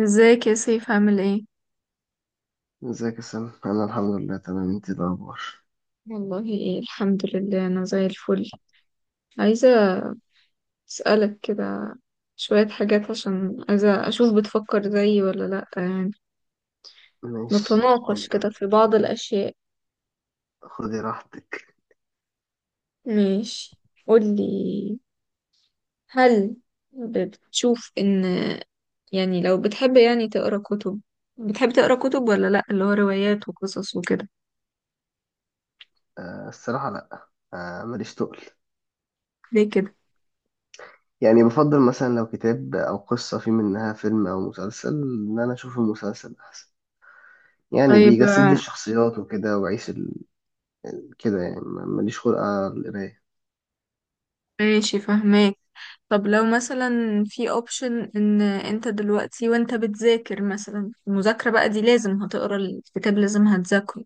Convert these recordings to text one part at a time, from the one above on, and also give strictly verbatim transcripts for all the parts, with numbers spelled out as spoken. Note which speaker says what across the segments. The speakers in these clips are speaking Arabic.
Speaker 1: ازيك يا سيف، عامل ايه؟
Speaker 2: ازيك يا سلام، انا الحمد لله تمام. انت إيه الاخبار؟
Speaker 1: والله إيه الحمد لله، أنا زي الفل. عايزة أسألك كده شوية حاجات، عشان عايزة أشوف بتفكر زيي ولا لأ يعني.
Speaker 2: ماشي،
Speaker 1: نتناقش
Speaker 2: اتفضل.
Speaker 1: كده في بعض الأشياء.
Speaker 2: خدي راحتك.
Speaker 1: ماشي. قولي. هل بتشوف إن، يعني لو بتحب يعني تقرأ كتب، بتحب تقرأ كتب ولا لأ، اللي هو روايات وقصص وكده؟
Speaker 2: أه، الصراحه لا. أه، ماليش تقل.
Speaker 1: ليه كده؟
Speaker 2: يعني بفضل مثلا لو كتاب او قصه في منها فيلم او مسلسل ان انا اشوف المسلسل احسن. يعني
Speaker 1: طيب.
Speaker 2: بيجسد لي الشخصيات وكده واعيش ال... كده يعني ما- ماليش خلق على القرايه.
Speaker 1: ماشي، فهماك. طب لو مثلا في اوبشن ان انت دلوقتي وانت بتذاكر مثلا، المذاكرة بقى دي لازم هتقرا الكتاب لازم هتذاكره،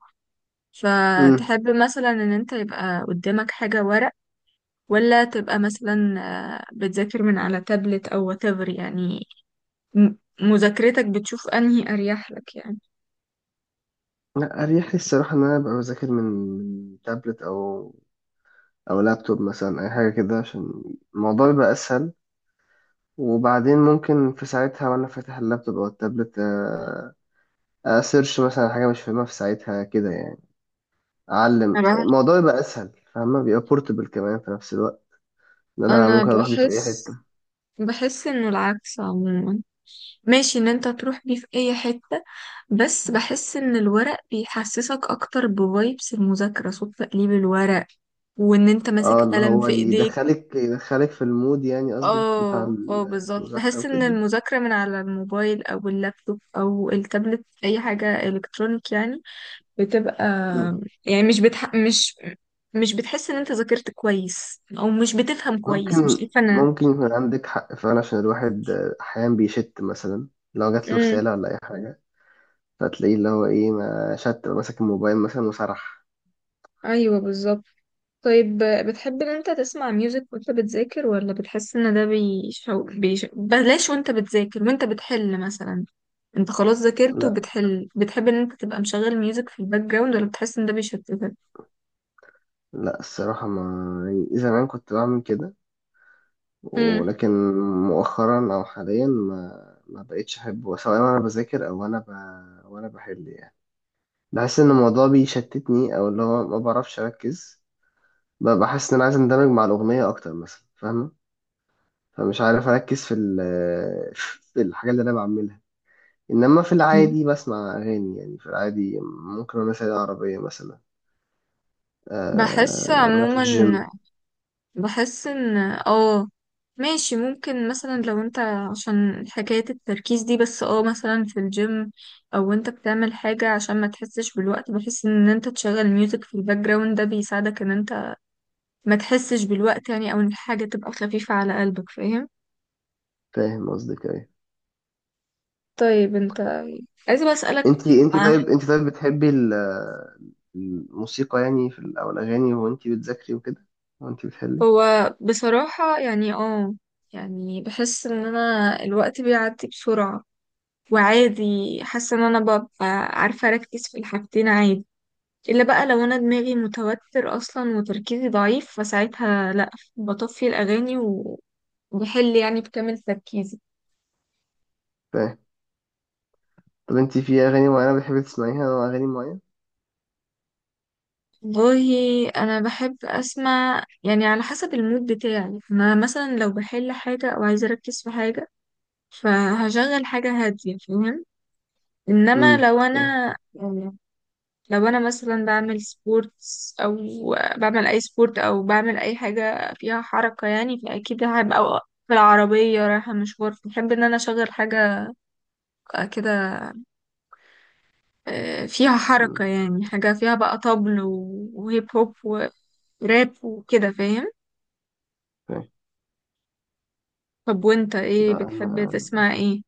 Speaker 2: امم.
Speaker 1: فتحب مثلا ان انت يبقى قدامك حاجة ورق، ولا تبقى مثلا آه، بتذاكر من على تابلت او whatever يعني؟ م- مذاكرتك بتشوف انهي اريح لك يعني؟
Speaker 2: لا اريح لي الصراحه ان انا ابقى بذاكر من من تابلت او او لابتوب مثلا اي حاجه كده عشان الموضوع يبقى اسهل. وبعدين ممكن في ساعتها وانا فاتح اللابتوب او التابلت، آه، اسيرش مثلا على حاجه مش فاهمها في ساعتها كده يعني اعلم
Speaker 1: انا بح-
Speaker 2: الموضوع يبقى اسهل، فاهمه. بيبقى بورتبل كمان في نفس الوقت، ان انا
Speaker 1: أنا
Speaker 2: ممكن اروح بيه في اي
Speaker 1: بحس،
Speaker 2: حته.
Speaker 1: بحس انه العكس عموما. ماشي ان انت تروح بيه في اي حتة، بس بحس ان الورق بيحسسك اكتر بفايبس المذاكرة، صوت تقليب الورق، وان انت ماسك
Speaker 2: اه، اللي
Speaker 1: قلم
Speaker 2: هو
Speaker 1: في ايديك.
Speaker 2: يدخلك يدخلك في المود، يعني قصدك بتاع
Speaker 1: اه، اه، بالظبط.
Speaker 2: المذاكره
Speaker 1: بحس ان
Speaker 2: وكده.
Speaker 1: المذاكرة من على الموبايل او اللابتوب او التابلت اي حاجة الكترونيك يعني بتبقى،
Speaker 2: مم.
Speaker 1: يعني مش بتح... مش مش بتحس ان انت ذاكرت كويس او مش بتفهم كويس، مش
Speaker 2: ممكن
Speaker 1: عارفة انا.
Speaker 2: ممكن يكون عندك حق فعلا، عشان الواحد آه، احيانا بيشت مثلا لو جات له
Speaker 1: امم
Speaker 2: رساله ولا اي حاجه. فتلاقيه اللي هو ايه، ما شت ماسك الموبايل مثلا وسرح.
Speaker 1: ايوه بالظبط. طيب. بتحب ان انت تسمع ميوزك وانت بتذاكر، ولا بتحس ان ده بيشو... بيش... بلاش، وانت بتذاكر وانت بتحل مثلا، انت خلاص ذاكرت وبتحل، بتحب ان انت تبقى مشغل ميوزك في الباك جراوند، ولا بتحس ان ده بيشتتك؟
Speaker 2: لا الصراحة ما، يعني زمان كنت بعمل كده،
Speaker 1: امم
Speaker 2: ولكن مؤخرا أو حاليا ما ما بقتش أحبه، سواء وأنا بذاكر أو وأنا ب... وأنا بحل يعني. بحس إن الموضوع بيشتتني، أو اللي هو ما بعرفش أركز. ب- بحس إن أنا عايز أندمج مع الأغنية أكتر مثلا، فاهمة. فمش عارف أركز في ال... في الحاجة اللي أنا بعملها. إنما في العادي بسمع أغاني، يعني في العادي ممكن وأنا سايق العربية مثلا،
Speaker 1: بحس
Speaker 2: أه... وأنا في
Speaker 1: عموما،
Speaker 2: الجيم.
Speaker 1: بحس ان اه ماشي، ممكن مثلا لو انت عشان حكاية التركيز دي، بس اه مثلا في الجيم او انت بتعمل حاجة عشان ما تحسش بالوقت، بحس ان انت تشغل ميوزك في الباك جراوند ده بيساعدك ان انت ما تحسش بالوقت يعني، او ان الحاجة تبقى خفيفة على قلبك، فاهم؟
Speaker 2: فاهم قصدك إيه.
Speaker 1: طيب. انت، عايزة بقى اسألك.
Speaker 2: انت انت
Speaker 1: آه،
Speaker 2: طيب انت طيب بتحبي ال- الموسيقى، يعني في ال- او الاغاني، وانت بتذاكري وكده، وانت بتحلي.
Speaker 1: هو بصراحة يعني اه يعني بحس ان انا الوقت بيعدي بسرعة، وعادي. حاسة ان انا ببقى عارفة اركز في الحاجتين عادي، الا بقى لو انا دماغي متوتر اصلا وتركيزي ضعيف فساعتها لا، بطفي الاغاني وبحل يعني بكامل تركيزي.
Speaker 2: فاهم. طب انت في اغاني معينه بتحبي تسمعيها او اغاني معينه؟
Speaker 1: والله انا بحب اسمع يعني على حسب المود بتاعي. انا مثلا لو بحل حاجه او عايزه اركز في حاجه فهشغل حاجه هاديه، فاهم؟ انما
Speaker 2: امم،
Speaker 1: لو انا،
Speaker 2: فاهم.
Speaker 1: يعني لو انا مثلا بعمل سبورتس او بعمل اي سبورت او بعمل اي حاجه فيها حركه يعني، فاكيد هبقى، أو في العربيه رايحه مشوار، بحب ان انا اشغل حاجه كده آه، فيها حركه،
Speaker 2: امم،
Speaker 1: يعني حاجه فيها بقى طبل و- وهيب هوب وراب وكده، فاهم؟
Speaker 2: فاهم.
Speaker 1: طب وانت ايه
Speaker 2: لا
Speaker 1: بتحب
Speaker 2: انا
Speaker 1: تسمع ايه؟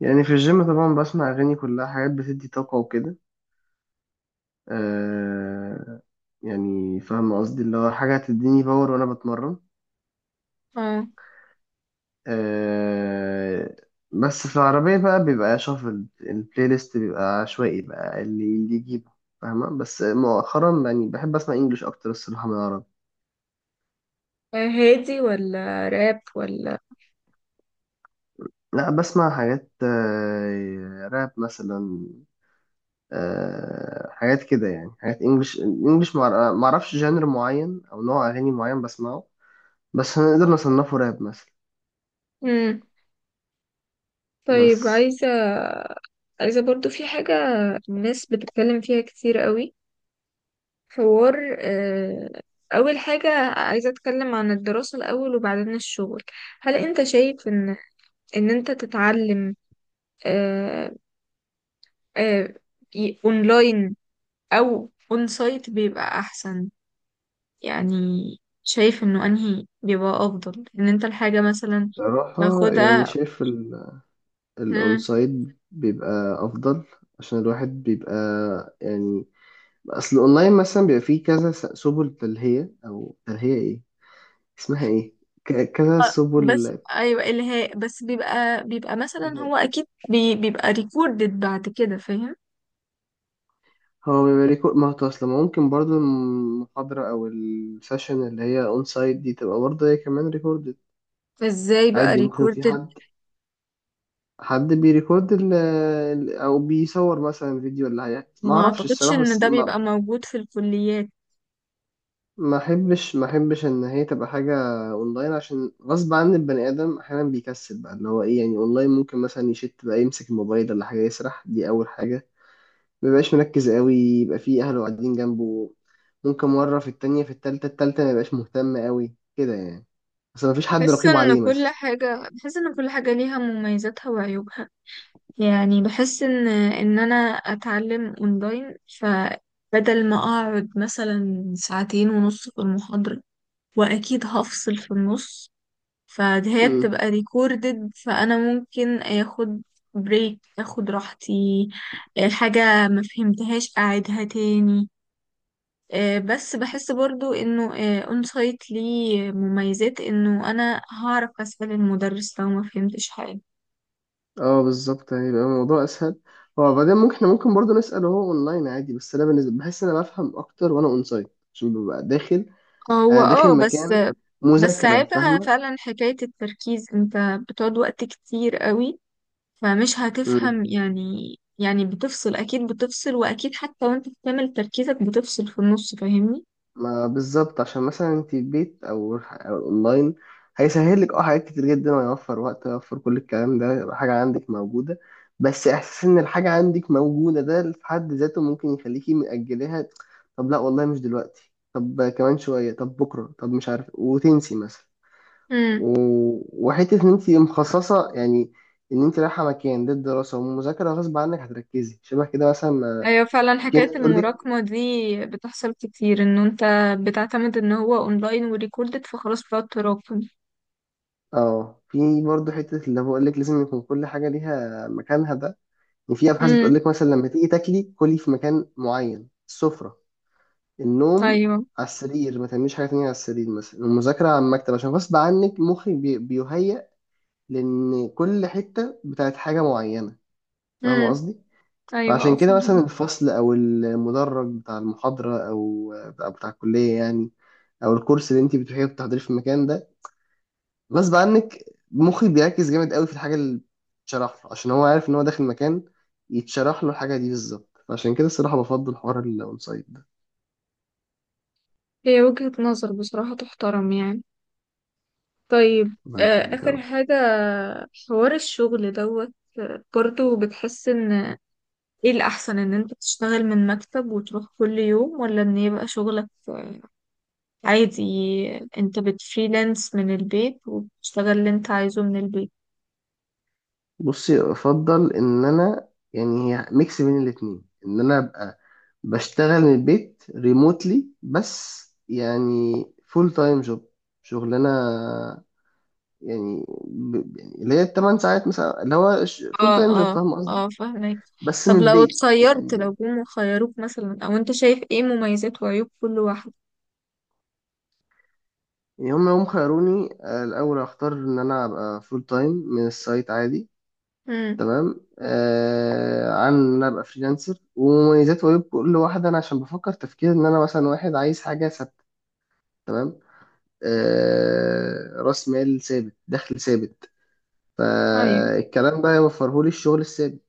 Speaker 2: يعني في الجيم طبعا بسمع اغاني كلها حاجات بتدي طاقه وكده. آه. يعني فاهم قصدي، اللي هو حاجه هتديني باور وانا بتمرن.
Speaker 1: اه
Speaker 2: آه. بس في العربية بقى، بيبقى شافل البلاي ليست، بيبقى عشوائي بقى اللي اللي يجيبه. فاهمة. بس مؤخرا يعني بحب أسمع إنجليش أكتر الصراحة من العربي.
Speaker 1: هادي ولا راب ولا؟
Speaker 2: لا بسمع حاجات، آه، راب مثلا. آه، حاجات كده يعني حاجات إنجليش إنجليش، معر- معرفش جانر معين أو نوع أغاني معين بسمعه، بس هنقدر نصنفه راب مثلا.
Speaker 1: امم طيب.
Speaker 2: بس.
Speaker 1: عايزة عايزة برضو في حاجة الناس بتتكلم فيها كتير قوي، حوار آه، أول حاجة عايزة أتكلم عن الدراسة الأول وبعدين الشغل. هل أنت شايف إن إن أنت تتعلم آه، آه، ي- أونلاين أو أون سايت بيبقى أحسن؟ يعني شايف انه انهي بيبقى افضل ان انت الحاجة مثلا
Speaker 2: صراحة يعني
Speaker 1: تاخدها؟
Speaker 2: شايف
Speaker 1: مم.
Speaker 2: الاونسايد بيبقى افضل. عشان الواحد بيبقى، يعني، اصل الاونلاين مثلا بيبقى فيه كذا س- سبل تلهية، او تلهية ايه اسمها ايه، ك- كذا
Speaker 1: آه، بس
Speaker 2: سبل.
Speaker 1: ايوه الهاء، بس بيبقى بيبقى مثلا، هو اكيد بي بيبقى ريكوردد بعد كده، فاهم؟
Speaker 2: هو بيبقى ريكو- ما هو اصل ما ممكن برضو المحاضرة او السيشن اللي هي اون سايت دي تبقى برضه هي كمان ريكوردد.
Speaker 1: فازاي بقى
Speaker 2: عادي ممكن في
Speaker 1: ريكوردد؟
Speaker 2: حد، حد بيريكورد ال- ال- او بيصور مثلا فيديو، اللي هي ما
Speaker 1: ما
Speaker 2: اعرفش
Speaker 1: اعتقدش
Speaker 2: الصراحة،
Speaker 1: ان
Speaker 2: بس.
Speaker 1: ده بيبقى موجود في الكليات.
Speaker 2: ما احبش ما احبش ان هي تبقى حاجه اونلاين، عشان غصب عن البني ادم احيانا بيكسل بقى، اللي هو ايه يعني، اونلاين ممكن مثلا يشت بقى يمسك الموبايل ولا حاجه يسرح، دي اول حاجه. ما بيبقاش مركز قوي، يبقى في اهله قاعدين جنبه. ممكن مره في التانية في التالتة التالتة ما يبقاش مهتم قوي كده يعني. بس ما فيش حد
Speaker 1: بحس
Speaker 2: رقيب
Speaker 1: ان
Speaker 2: عليه
Speaker 1: كل
Speaker 2: مثلا.
Speaker 1: حاجة بحس ان كل حاجة ليها مميزاتها وعيوبها. يعني بحس ان ان انا اتعلم اونلاين، ف بدل ما اقعد مثلا ساعتين ونص في المحاضرة واكيد هفصل في النص، فهي
Speaker 2: امم.
Speaker 1: بتبقى ريكوردد فانا ممكن اخد بريك، اخد راحتي، الحاجة ما فهمتهاش اعيدها تاني. آه، بس بحس برضو انه اون سايت ليه مميزات، انه انا هعرف اسأل المدرس لو ما فهمتش حاجة.
Speaker 2: اه بالظبط، يعني يبقى الموضوع اسهل. هو بعدين ممكن، احنا ممكن برضه نسال، هو اونلاين عادي، بس انا بالنسبه بحس ان انا بفهم اكتر وانا اون سايت، عشان ببقى داخل،
Speaker 1: هو
Speaker 2: انا داخل
Speaker 1: اه بس
Speaker 2: مكان
Speaker 1: بس
Speaker 2: مذاكرة،
Speaker 1: عيبها
Speaker 2: فاهمة.
Speaker 1: فعلا حكاية التركيز، انت بتقعد وقت كتير قوي فمش
Speaker 2: مم.
Speaker 1: هتفهم يعني. يعني بتفصل، اكيد بتفصل، واكيد حتى وانت بتعمل تركيزك بتفصل في النص، فاهمني؟
Speaker 2: ما بالظبط، عشان مثلا انت البيت او أو اونلاين هيسهل لك اه حاجات كتير جدا، ويوفر وقت ويوفر كل الكلام ده، يبقى حاجة عندك موجودة. بس احساس ان الحاجة عندك موجودة ده في حد ذاته ممكن يخليكي مأجلها. طب لا والله مش دلوقتي، طب كمان شوية، طب بكرة، طب مش عارف، وتنسي مثلا.
Speaker 1: امم.
Speaker 2: و... وحتة ان انت مخصصة يعني، ان انت رايحة مكان ده الدراسة والمذاكرة، غصب عنك هتركزي شبه كده مثلا ما-
Speaker 1: ايوه فعلا،
Speaker 2: في
Speaker 1: حكاية
Speaker 2: ناس تقول لك.
Speaker 1: المراكمة دي بتحصل كتير، ان انت بتعتمد ان هو اونلاين وريكوردد فخلاص بتقعد تراكم.
Speaker 2: اه في برضه حتة، اللي بقول لك لازم يكون كل حاجة ليها مكانها ده. وفي أبحاث
Speaker 1: امم.
Speaker 2: بتقول لك مثلا لما تيجي تاكلي كلي في مكان معين، السفرة. النوم
Speaker 1: ايوه.
Speaker 2: على السرير، ما تعمليش حاجة تانية على السرير مثلا. المذاكرة على المكتب، عشان غصب عنك مخك بي- بيهيأ لأن كل حتة بتاعت حاجة معينة. فاهمة
Speaker 1: امم.
Speaker 2: قصدي؟
Speaker 1: ايوه، أه،
Speaker 2: فعشان كده مثلا
Speaker 1: فعلا.
Speaker 2: الفصل أو المدرج بتاع المحاضرة أو بتاع بتاع الكلية يعني، أو الكورس اللي أنت بتروحيه بتحضريه في المكان ده، غصب عنك مخي بيركز جامد قوي في الحاجة اللي بتشرح له، عشان هو عارف ان هو داخل مكان يتشرح له الحاجة دي بالظبط. فعشان كده الصراحة بفضل حوار الاون سايد ده.
Speaker 1: هي وجهة نظر بصراحة تحترم يعني. طيب.
Speaker 2: ربنا
Speaker 1: آه،
Speaker 2: يخليك يا
Speaker 1: اخر
Speaker 2: رب.
Speaker 1: حاجة، حوار الشغل دوت. آه، برضو بتحس ان ايه الأحسن، ان انت تشتغل من مكتب وتروح كل يوم، ولا ان يبقى شغلك آه، عادي انت بتفريلانس من البيت وبتشتغل اللي انت عايزه من البيت؟
Speaker 2: بصي، افضل ان انا، يعني، هي ميكس بين الاتنين، ان انا ابقى بشتغل من البيت ريموتلي، بس يعني فول تايم جوب، شغلانه، يعني ب- يعني اللي هي الثمان ساعات مثلا، اللي هو فول
Speaker 1: اه،
Speaker 2: تايم جوب،
Speaker 1: اه،
Speaker 2: فاهم قصدي.
Speaker 1: اه، فاهمك.
Speaker 2: بس من
Speaker 1: طب لو
Speaker 2: البيت
Speaker 1: اتخيرت،
Speaker 2: يعني.
Speaker 1: لو جم خيروك مثلا، او انت شايف ايه مميزات وعيوب كل واحد؟
Speaker 2: يوم يوم خيروني، آه، الأول أختار إن أنا أبقى فول تايم من السايت عادي.
Speaker 1: امم.
Speaker 2: تمام، آه عن إن أنا أبقى فريلانسر. ومميزات وعيوب كل واحدة، أنا عشان بفكر تفكير إن أنا مثلا واحد عايز حاجة ثابتة، تمام. آه، رأس مال ثابت، دخل ثابت.
Speaker 1: ايوه.
Speaker 2: فالكلام ده يوفرهولي الشغل الثابت.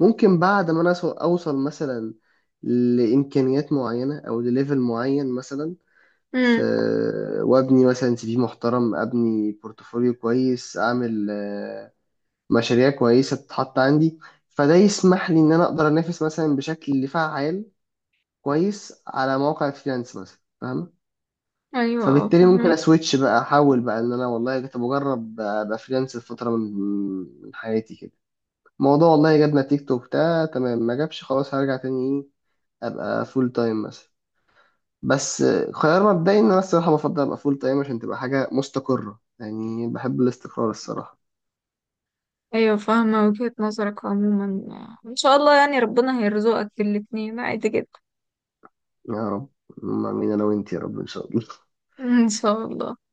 Speaker 2: ممكن بعد ما أنا أسو- أوصل مثلا لإمكانيات معينة أو لليفل معين مثلا في،
Speaker 1: امم.
Speaker 2: وابني مثلا سي في محترم، ابني بورتفوليو كويس، اعمل آه، مشاريع كويسه تتحط عندي، فده يسمح لي ان انا اقدر انافس مثلا بشكل فعال كويس على مواقع فريلانس مثلا، فاهم.
Speaker 1: ايوه. اه،
Speaker 2: فبالتالي ممكن
Speaker 1: فاهمك.
Speaker 2: اسويتش بقى، احاول بقى ان انا، والله كنت بجرب ابقى فريلانس لفتره من من حياتي كده. الموضوع والله جاب نتيجته وبتاع تمام ما جابش، خلاص هرجع تاني ايه، ابقى فول تايم مثلا. بس خيار مبدئي ان انا الصراحه بفضل ابقى فول تايم، عشان تبقى حاجه مستقره يعني، بحب الاستقرار الصراحه.
Speaker 1: ايوه فاهمة وجهة نظرك عموما، ان شاء الله يعني، ربنا هيرزقك الاتنين عادي جدا.
Speaker 2: يا رب. ما مين انا وانت يا رب، ان شاء الله.
Speaker 1: ان شاء الله.